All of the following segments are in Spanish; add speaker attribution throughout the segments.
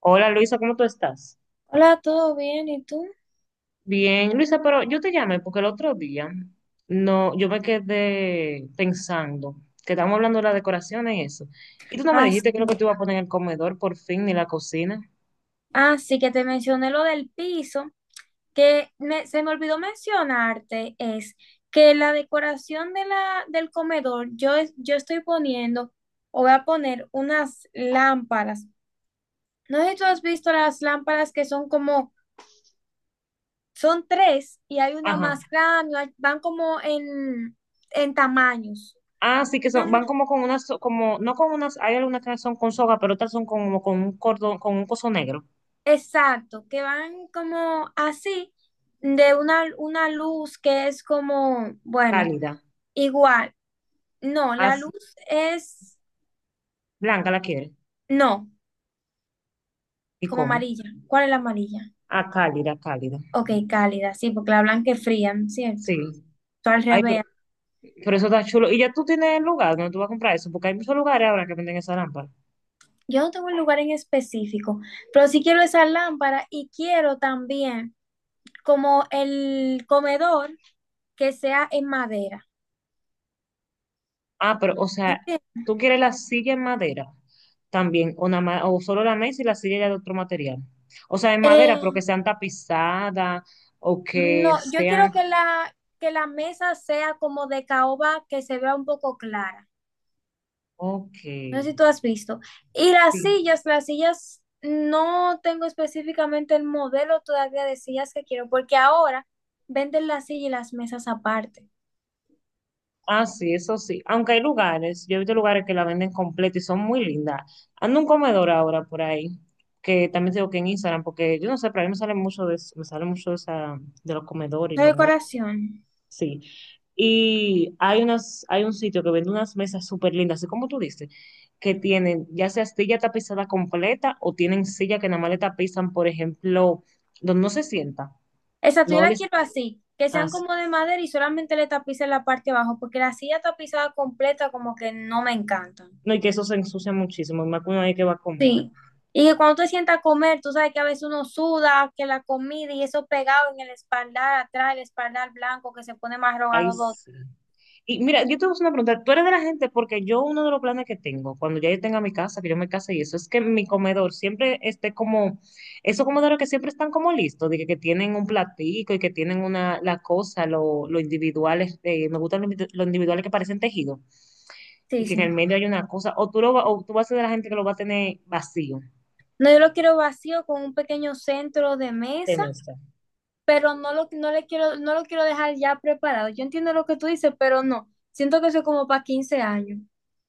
Speaker 1: Hola Luisa, ¿cómo tú estás?
Speaker 2: Hola, ¿todo bien? ¿Y tú?
Speaker 1: Bien, Luisa, pero yo te llamé porque el otro día no, yo me quedé pensando que estamos hablando de las decoraciones y eso. Y tú no me
Speaker 2: Ah, s-
Speaker 1: dijiste que lo que te iba a poner en el comedor por fin ni la cocina.
Speaker 2: sí que te mencioné lo del piso, que se me olvidó mencionarte, es que la decoración de del comedor, yo, yo estoy poniendo o voy a poner unas lámparas. No sé si tú has visto las lámparas que son como, son tres y hay una
Speaker 1: Ajá.
Speaker 2: más grande, van como en tamaños.
Speaker 1: Ah, sí que son, van como con unas, so- como, no con unas, hay algunas que son con soga, pero otras son como con un cordón, con un coso negro,
Speaker 2: Exacto, que van como así, de una luz que es como, bueno,
Speaker 1: cálida.
Speaker 2: igual. No,
Speaker 1: Ah, sí. Blanca la quiere.
Speaker 2: no,
Speaker 1: ¿Y
Speaker 2: como
Speaker 1: cómo?
Speaker 2: amarilla. ¿Cuál es la amarilla?
Speaker 1: Ah, cálida, cálida.
Speaker 2: Ok, cálida, sí, porque la blanca es fría, ¿no es cierto?
Speaker 1: Sí.
Speaker 2: Tú al
Speaker 1: Ay, pero,
Speaker 2: revés.
Speaker 1: Pero eso está chulo. Y ya tú tienes el lugar donde tú vas a comprar eso, porque hay muchos lugares ahora que venden esa lámpara.
Speaker 2: Yo no tengo un lugar en específico, pero sí quiero esa lámpara y quiero también como el comedor que sea en madera.
Speaker 1: Ah, pero, o sea,
Speaker 2: ¿Entiendes?
Speaker 1: tú quieres la silla en madera también, o, nada más- o solo la mesa y la silla ya de otro material. O sea, en madera, pero
Speaker 2: Eh,
Speaker 1: que sean tapizadas o que
Speaker 2: No, yo quiero
Speaker 1: sean.
Speaker 2: que que la mesa sea como de caoba que se vea un poco clara.
Speaker 1: Ok,
Speaker 2: No sé
Speaker 1: sí.
Speaker 2: si tú has visto. Y las sillas, no tengo específicamente el modelo todavía de sillas que quiero, porque ahora venden las sillas y las mesas aparte.
Speaker 1: Ah, sí, eso sí. Aunque hay lugares, yo he visto lugares que la venden completa y son muy lindas. Ando un comedor ahora por ahí, que también tengo que en Instagram, porque yo no sé, pero a mí me sale mucho de eso, me sale mucho de, esa, de los comedores y
Speaker 2: La
Speaker 1: los muebles.
Speaker 2: decoración.
Speaker 1: Sí. Y hay unas, hay un sitio que vende unas mesas súper lindas, así como tú dices, que tienen ya sea silla tapizada completa o tienen silla que nada más le tapizan, por ejemplo, donde no se sienta,
Speaker 2: Exacto, yo
Speaker 1: no
Speaker 2: la
Speaker 1: les
Speaker 2: quiero así, que sean
Speaker 1: hace.
Speaker 2: como de madera y solamente le tapice la parte de abajo, porque la silla tapizada completa como que no me encantan.
Speaker 1: No, y que eso se ensucia muchísimo, y más que uno ahí que va a comer.
Speaker 2: Sí, y que cuando tú te sientas a comer, tú sabes que a veces uno suda, que la comida y eso pegado en el espaldar atrás, el espaldar blanco que se pone marrón a
Speaker 1: Ahí
Speaker 2: los dos.
Speaker 1: sí. Y mira, yo te voy a hacer una pregunta. Tú eres de la gente, porque yo uno de los planes que tengo, cuando ya yo tenga mi casa, que yo me case y eso, es que mi comedor siempre esté como, esos comedores que siempre están como listos, de que tienen un platico y que tienen una, la cosa, lo individuales, me gustan los individu- los individuales que parecen tejidos,
Speaker 2: Sí,
Speaker 1: y que en el
Speaker 2: sí.
Speaker 1: medio hay una cosa, o tú, lo, va- o tú vas a ser de la gente que lo va a tener vacío
Speaker 2: No, yo lo quiero vacío con un pequeño centro de
Speaker 1: de
Speaker 2: mesa,
Speaker 1: mesa.
Speaker 2: pero no lo quiero dejar ya preparado. Yo entiendo lo que tú dices, pero no. Siento que eso es como para 15 años.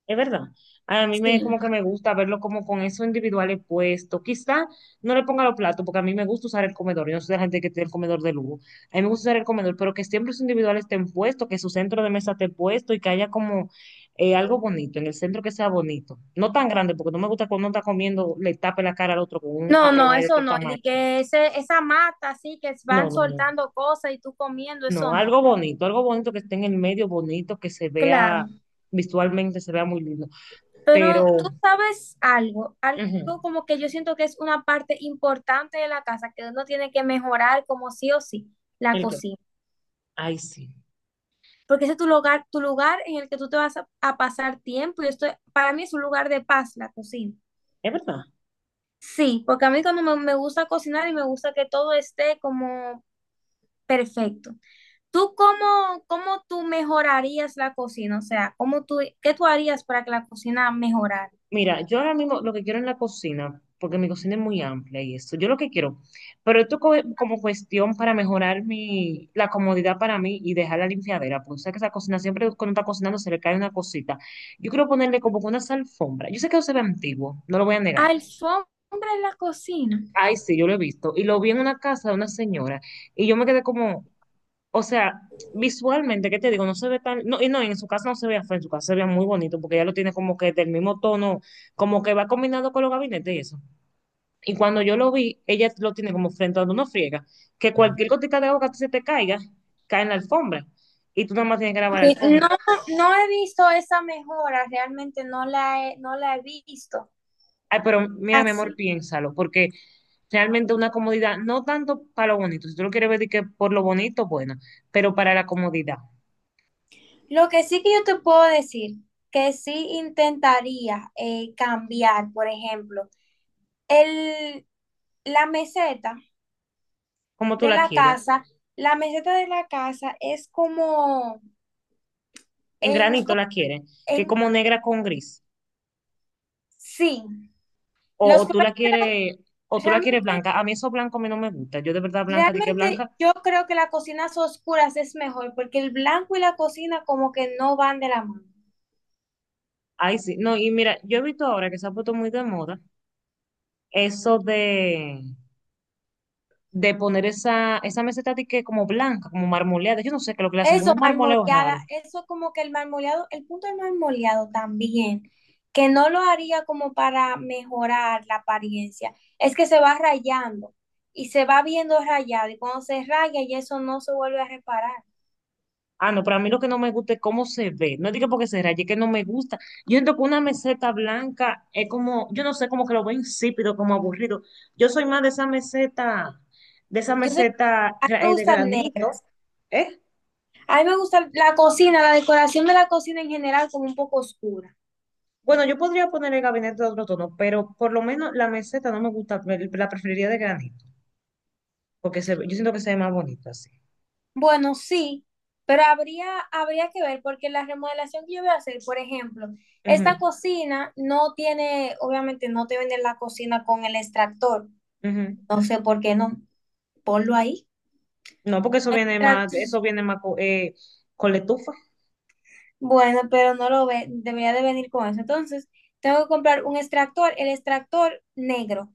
Speaker 1: Es verdad. A mí me como que me
Speaker 2: Sí.
Speaker 1: gusta verlo como con eso individuales puesto. Quizá no le ponga los platos, porque a mí me gusta usar el comedor. Yo no soy de la gente que tiene el comedor de lujo. A mí me gusta usar el comedor, pero que siempre los individuales estén puestos, que su centro de mesa esté puesto y que haya como algo bonito, en el centro que sea bonito. No tan grande, porque no me gusta cuando uno está comiendo, le tape la cara al otro con un
Speaker 2: No, no,
Speaker 1: jarrón ahí de
Speaker 2: eso
Speaker 1: aquel
Speaker 2: no. Y
Speaker 1: tamaño.
Speaker 2: de que esa mata así que
Speaker 1: No,
Speaker 2: van
Speaker 1: no, no. No,
Speaker 2: soltando cosas y tú comiendo, eso
Speaker 1: no,
Speaker 2: no.
Speaker 1: algo bonito que esté en el medio, bonito, que se
Speaker 2: Claro.
Speaker 1: vea visualmente, se vea muy lindo.
Speaker 2: Pero
Speaker 1: Pero,
Speaker 2: tú sabes algo, algo
Speaker 1: ujú,
Speaker 2: como que yo siento que es una parte importante de la casa, que uno tiene que mejorar como sí o sí, la
Speaker 1: ¿el qué?
Speaker 2: cocina.
Speaker 1: Ay, sí,
Speaker 2: Porque ese es tu lugar en el que tú te vas a pasar tiempo y esto para mí es un lugar de paz, la cocina.
Speaker 1: es verdad.
Speaker 2: Sí, porque a mí cuando me gusta cocinar y me gusta que todo esté como perfecto. ¿Tú cómo tú mejorarías la cocina? O sea, ¿cómo tú, qué tú harías para que la cocina mejorara?
Speaker 1: Mira, yo ahora mismo lo que quiero en la cocina, porque mi cocina es muy amplia y eso. Yo lo que quiero, pero esto co- como cuestión para mejorar mi, la comodidad para mí y dejar la limpiadera, porque sabes que esa cocina siempre cuando está cocinando se le cae una cosita. Yo quiero ponerle como que unas alfombras. Yo sé que eso se ve antiguo, no lo voy a negar.
Speaker 2: ¿Alfombra en la cocina?
Speaker 1: Ay, sí, yo lo he visto. Y lo vi en una casa de una señora y yo me quedé como, o sea, visualmente, ¿qué te digo? No se ve tan, no, y no, en su casa no se veía feo, en su casa se veía muy bonito, porque ella lo tiene como que del mismo tono, como que va combinado con los gabinetes y eso. Y cuando yo lo vi, ella lo tiene como frente a donde uno friega, que cualquier gotita de agua que se te caiga, cae en la alfombra, y tú nada más tienes que lavar
Speaker 2: Ok.
Speaker 1: la
Speaker 2: No,
Speaker 1: alfombra.
Speaker 2: no he visto esa mejora, realmente no la he visto.
Speaker 1: Ay, pero mira, mi amor,
Speaker 2: Así.
Speaker 1: piénsalo, porque realmente una comodidad, no tanto para lo bonito, si tú lo quieres ver de que por lo bonito, bueno, pero para la comodidad,
Speaker 2: Lo que sí que yo te puedo decir, que sí intentaría cambiar, por ejemplo, el, la meseta
Speaker 1: como tú
Speaker 2: de
Speaker 1: la
Speaker 2: la
Speaker 1: quieres,
Speaker 2: casa, la meseta de la casa es como
Speaker 1: en
Speaker 2: en,
Speaker 1: granito la quieres, que
Speaker 2: en,
Speaker 1: es como negra con gris.
Speaker 2: sí, los
Speaker 1: O tú
Speaker 2: colores,
Speaker 1: la quieres, o tú la quieres
Speaker 2: realmente,
Speaker 1: blanca. A mí eso blanco a mí no me gusta. Yo de verdad blanca, di que
Speaker 2: realmente
Speaker 1: blanca.
Speaker 2: yo creo que las cocinas oscuras es mejor, porque el blanco y la cocina como que no van de la mano.
Speaker 1: Ay, sí. No, y mira, yo he visto ahora que se ha puesto muy de moda eso de poner esa, esa meseta di que como blanca, como marmoleada. Yo no sé qué es lo que le hacen, como
Speaker 2: Eso,
Speaker 1: un marmoleo raro.
Speaker 2: marmoleada, eso como que el marmoleado, el punto del marmoleado también, que no lo haría como para mejorar la apariencia, es que se va rayando y se va viendo rayado y cuando se raya y eso no se vuelve a reparar.
Speaker 1: Ah, no, pero a mí lo que no me gusta es cómo se ve. No digo porque se raye, es que no me gusta. Yo siento que una meseta blanca es como, yo no sé, como que lo veo insípido, como aburrido. Yo soy más de esa
Speaker 2: Yo sé,
Speaker 1: meseta
Speaker 2: a mí
Speaker 1: gra-
Speaker 2: me
Speaker 1: de
Speaker 2: gustan
Speaker 1: granito,
Speaker 2: negras,
Speaker 1: ¿eh?
Speaker 2: a mí me gusta la cocina, la decoración de la cocina en general como un poco oscura.
Speaker 1: Bueno, yo podría poner el gabinete de otro tono, pero por lo menos la meseta no me gusta, me- la preferiría de granito, porque se, yo siento que se ve más bonito así.
Speaker 2: Bueno, sí, pero habría, habría que ver, porque la remodelación que yo voy a hacer, por ejemplo, esta
Speaker 1: Ujú,
Speaker 2: cocina no tiene, obviamente no te venden la cocina con el extractor,
Speaker 1: ujú.
Speaker 2: no sé por qué no, ponlo ahí.
Speaker 1: No, porque eso viene más co- con, letufa,
Speaker 2: Bueno, pero no lo ve, debería de venir con eso. Entonces, tengo que comprar un extractor, el extractor negro.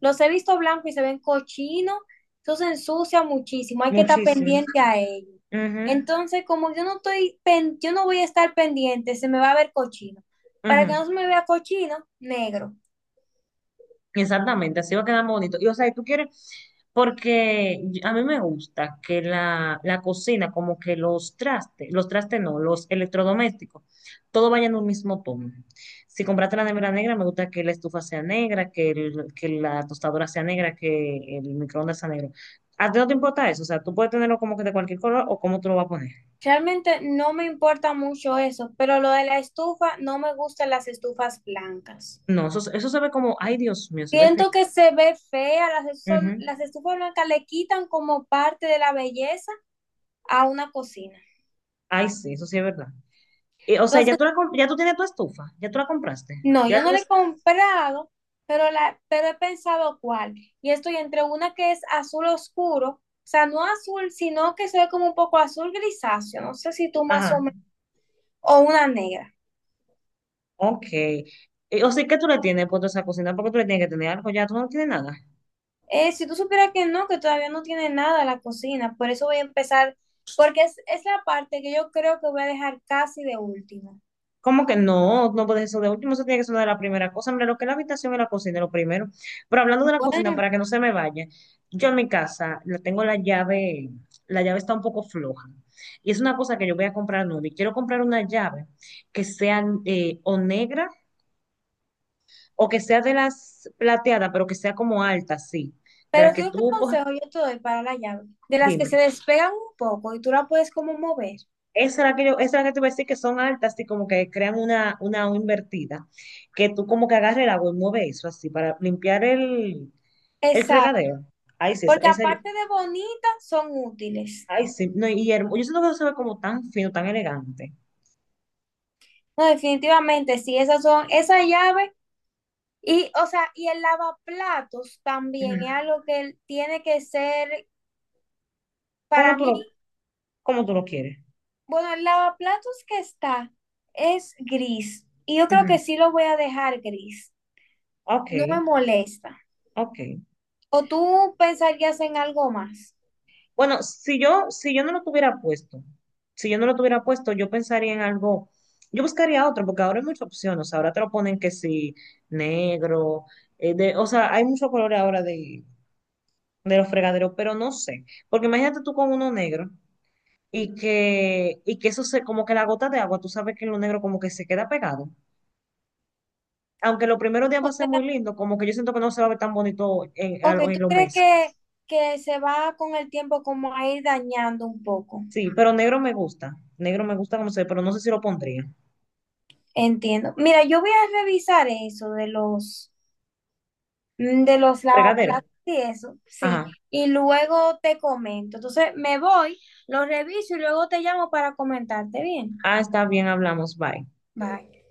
Speaker 2: Los he visto blancos y se ven cochinos, eso se ensucia muchísimo, hay que estar
Speaker 1: muchísimo.
Speaker 2: pendiente a ello.
Speaker 1: Ujú,
Speaker 2: Entonces, como yo no estoy, yo no voy a estar pendiente, se me va a ver cochino. Para que
Speaker 1: ujú.
Speaker 2: no se me vea cochino, negro.
Speaker 1: Exactamente, así va a quedar más bonito. Y o sea, y tú quieres, porque yo- a mí me gusta que la cocina, como que los trastes no, los electrodomésticos, todo vaya en un mismo tono. Si compraste la nevera negra, me gusta que la estufa sea negra, que, el- que la tostadora sea negra, que el microondas sea negro. ¿A ti no te importa eso? O sea, tú puedes tenerlo como que de cualquier color o cómo tú lo vas a poner.
Speaker 2: Realmente no me importa mucho eso, pero lo de la estufa, no me gustan las estufas blancas.
Speaker 1: No, eso se ve como, ay Dios mío, se ve feo.
Speaker 2: Siento que se ve fea,
Speaker 1: Ujú.
Speaker 2: las estufas blancas le quitan como parte de la belleza a una cocina.
Speaker 1: Ay, sí, eso sí es verdad. O sea, ya
Speaker 2: Entonces,
Speaker 1: tú, la comp- ya tú tienes tu estufa, ya tú la compraste.
Speaker 2: no,
Speaker 1: Ya
Speaker 2: yo no le he
Speaker 1: tienes.
Speaker 2: comprado, pero, pero he pensado cuál. Y estoy entre una que es azul oscuro, o sea, no azul, sino que se ve como un poco azul grisáceo, no sé si tú más o
Speaker 1: Ajá,
Speaker 2: menos, o una negra.
Speaker 1: ok. O sea, ¿qué tú le tienes puesto a esa cocina? ¿Por qué tú le tienes que tener algo? Ya tú no tienes nada.
Speaker 2: Si tú supieras que no, que todavía no tiene nada la cocina, por eso voy a empezar, porque es la parte que yo creo que voy a dejar casi de último.
Speaker 1: ¿Cómo que no? No puedes eso de último, eso tiene que ser una de las primeras cosas. Mira, lo que es la habitación y la cocina, lo primero. Pero hablando de la cocina,
Speaker 2: Bueno.
Speaker 1: para que no se me vaya, yo en mi casa le tengo la llave está un poco floja. Y es una cosa que yo voy a comprar nueva. Y quiero comprar una llave que sea o negra o que sea de las plateadas, pero que sea como alta, sí, de
Speaker 2: Pero
Speaker 1: las
Speaker 2: tú,
Speaker 1: que
Speaker 2: ¿qué
Speaker 1: tú coges,
Speaker 2: consejo yo te doy para la llave? De las que
Speaker 1: dime.
Speaker 2: se despegan un poco y tú la puedes como mover.
Speaker 1: Esa es la que yo, esa es la que te voy a decir que son altas, así como que crean una O invertida, que tú como que agarres el agua y mueves eso así para limpiar el
Speaker 2: Exacto.
Speaker 1: fregadero. Ay, sí, esa,
Speaker 2: Porque
Speaker 1: esa yo,
Speaker 2: aparte de bonitas, son útiles.
Speaker 1: ay, sí, no, y hermo- yo siento que eso se ve como tan fino, tan elegante.
Speaker 2: No, definitivamente, sí, esas son, esa llave y, o sea, y el lavaplatos también
Speaker 1: Ujú.
Speaker 2: es algo que tiene que ser,
Speaker 1: ¿Cómo
Speaker 2: para
Speaker 1: tú
Speaker 2: mí,
Speaker 1: lo, cómo tú lo quieres?
Speaker 2: bueno, el lavaplatos que está es gris y yo creo
Speaker 1: Ujú.
Speaker 2: que sí lo voy a dejar gris.
Speaker 1: Ok,
Speaker 2: No me molesta.
Speaker 1: ok.
Speaker 2: ¿O tú pensarías en algo más?
Speaker 1: Bueno, si yo, si yo no lo tuviera puesto, si yo no lo tuviera puesto, yo pensaría en algo, yo buscaría otro, porque ahora hay muchas opciones, o sea, ahora te lo ponen que sí, negro, de, o sea, hay muchos colores ahora de los fregaderos, pero no sé, porque imagínate tú con uno negro y que eso se, como que la gota de agua, tú sabes que en lo negro como que se queda pegado, aunque los primeros días va a ser muy lindo, como que yo siento que no se va a ver tan bonito en, a-
Speaker 2: Ok,
Speaker 1: lo- en
Speaker 2: ¿tú
Speaker 1: los
Speaker 2: crees
Speaker 1: meses.
Speaker 2: que se va con el tiempo como a ir dañando un poco?
Speaker 1: Sí, pero negro me gusta como se ve, pero no sé si lo pondría.
Speaker 2: Entiendo. Mira, yo voy a revisar eso de los, de los lavaplatos
Speaker 1: Fregadero.
Speaker 2: y eso, sí.
Speaker 1: Ajá.
Speaker 2: Y luego te comento. Entonces me voy, lo reviso y luego te llamo para comentarte bien.
Speaker 1: Ah, está bien, hablamos. Bye.
Speaker 2: Bye.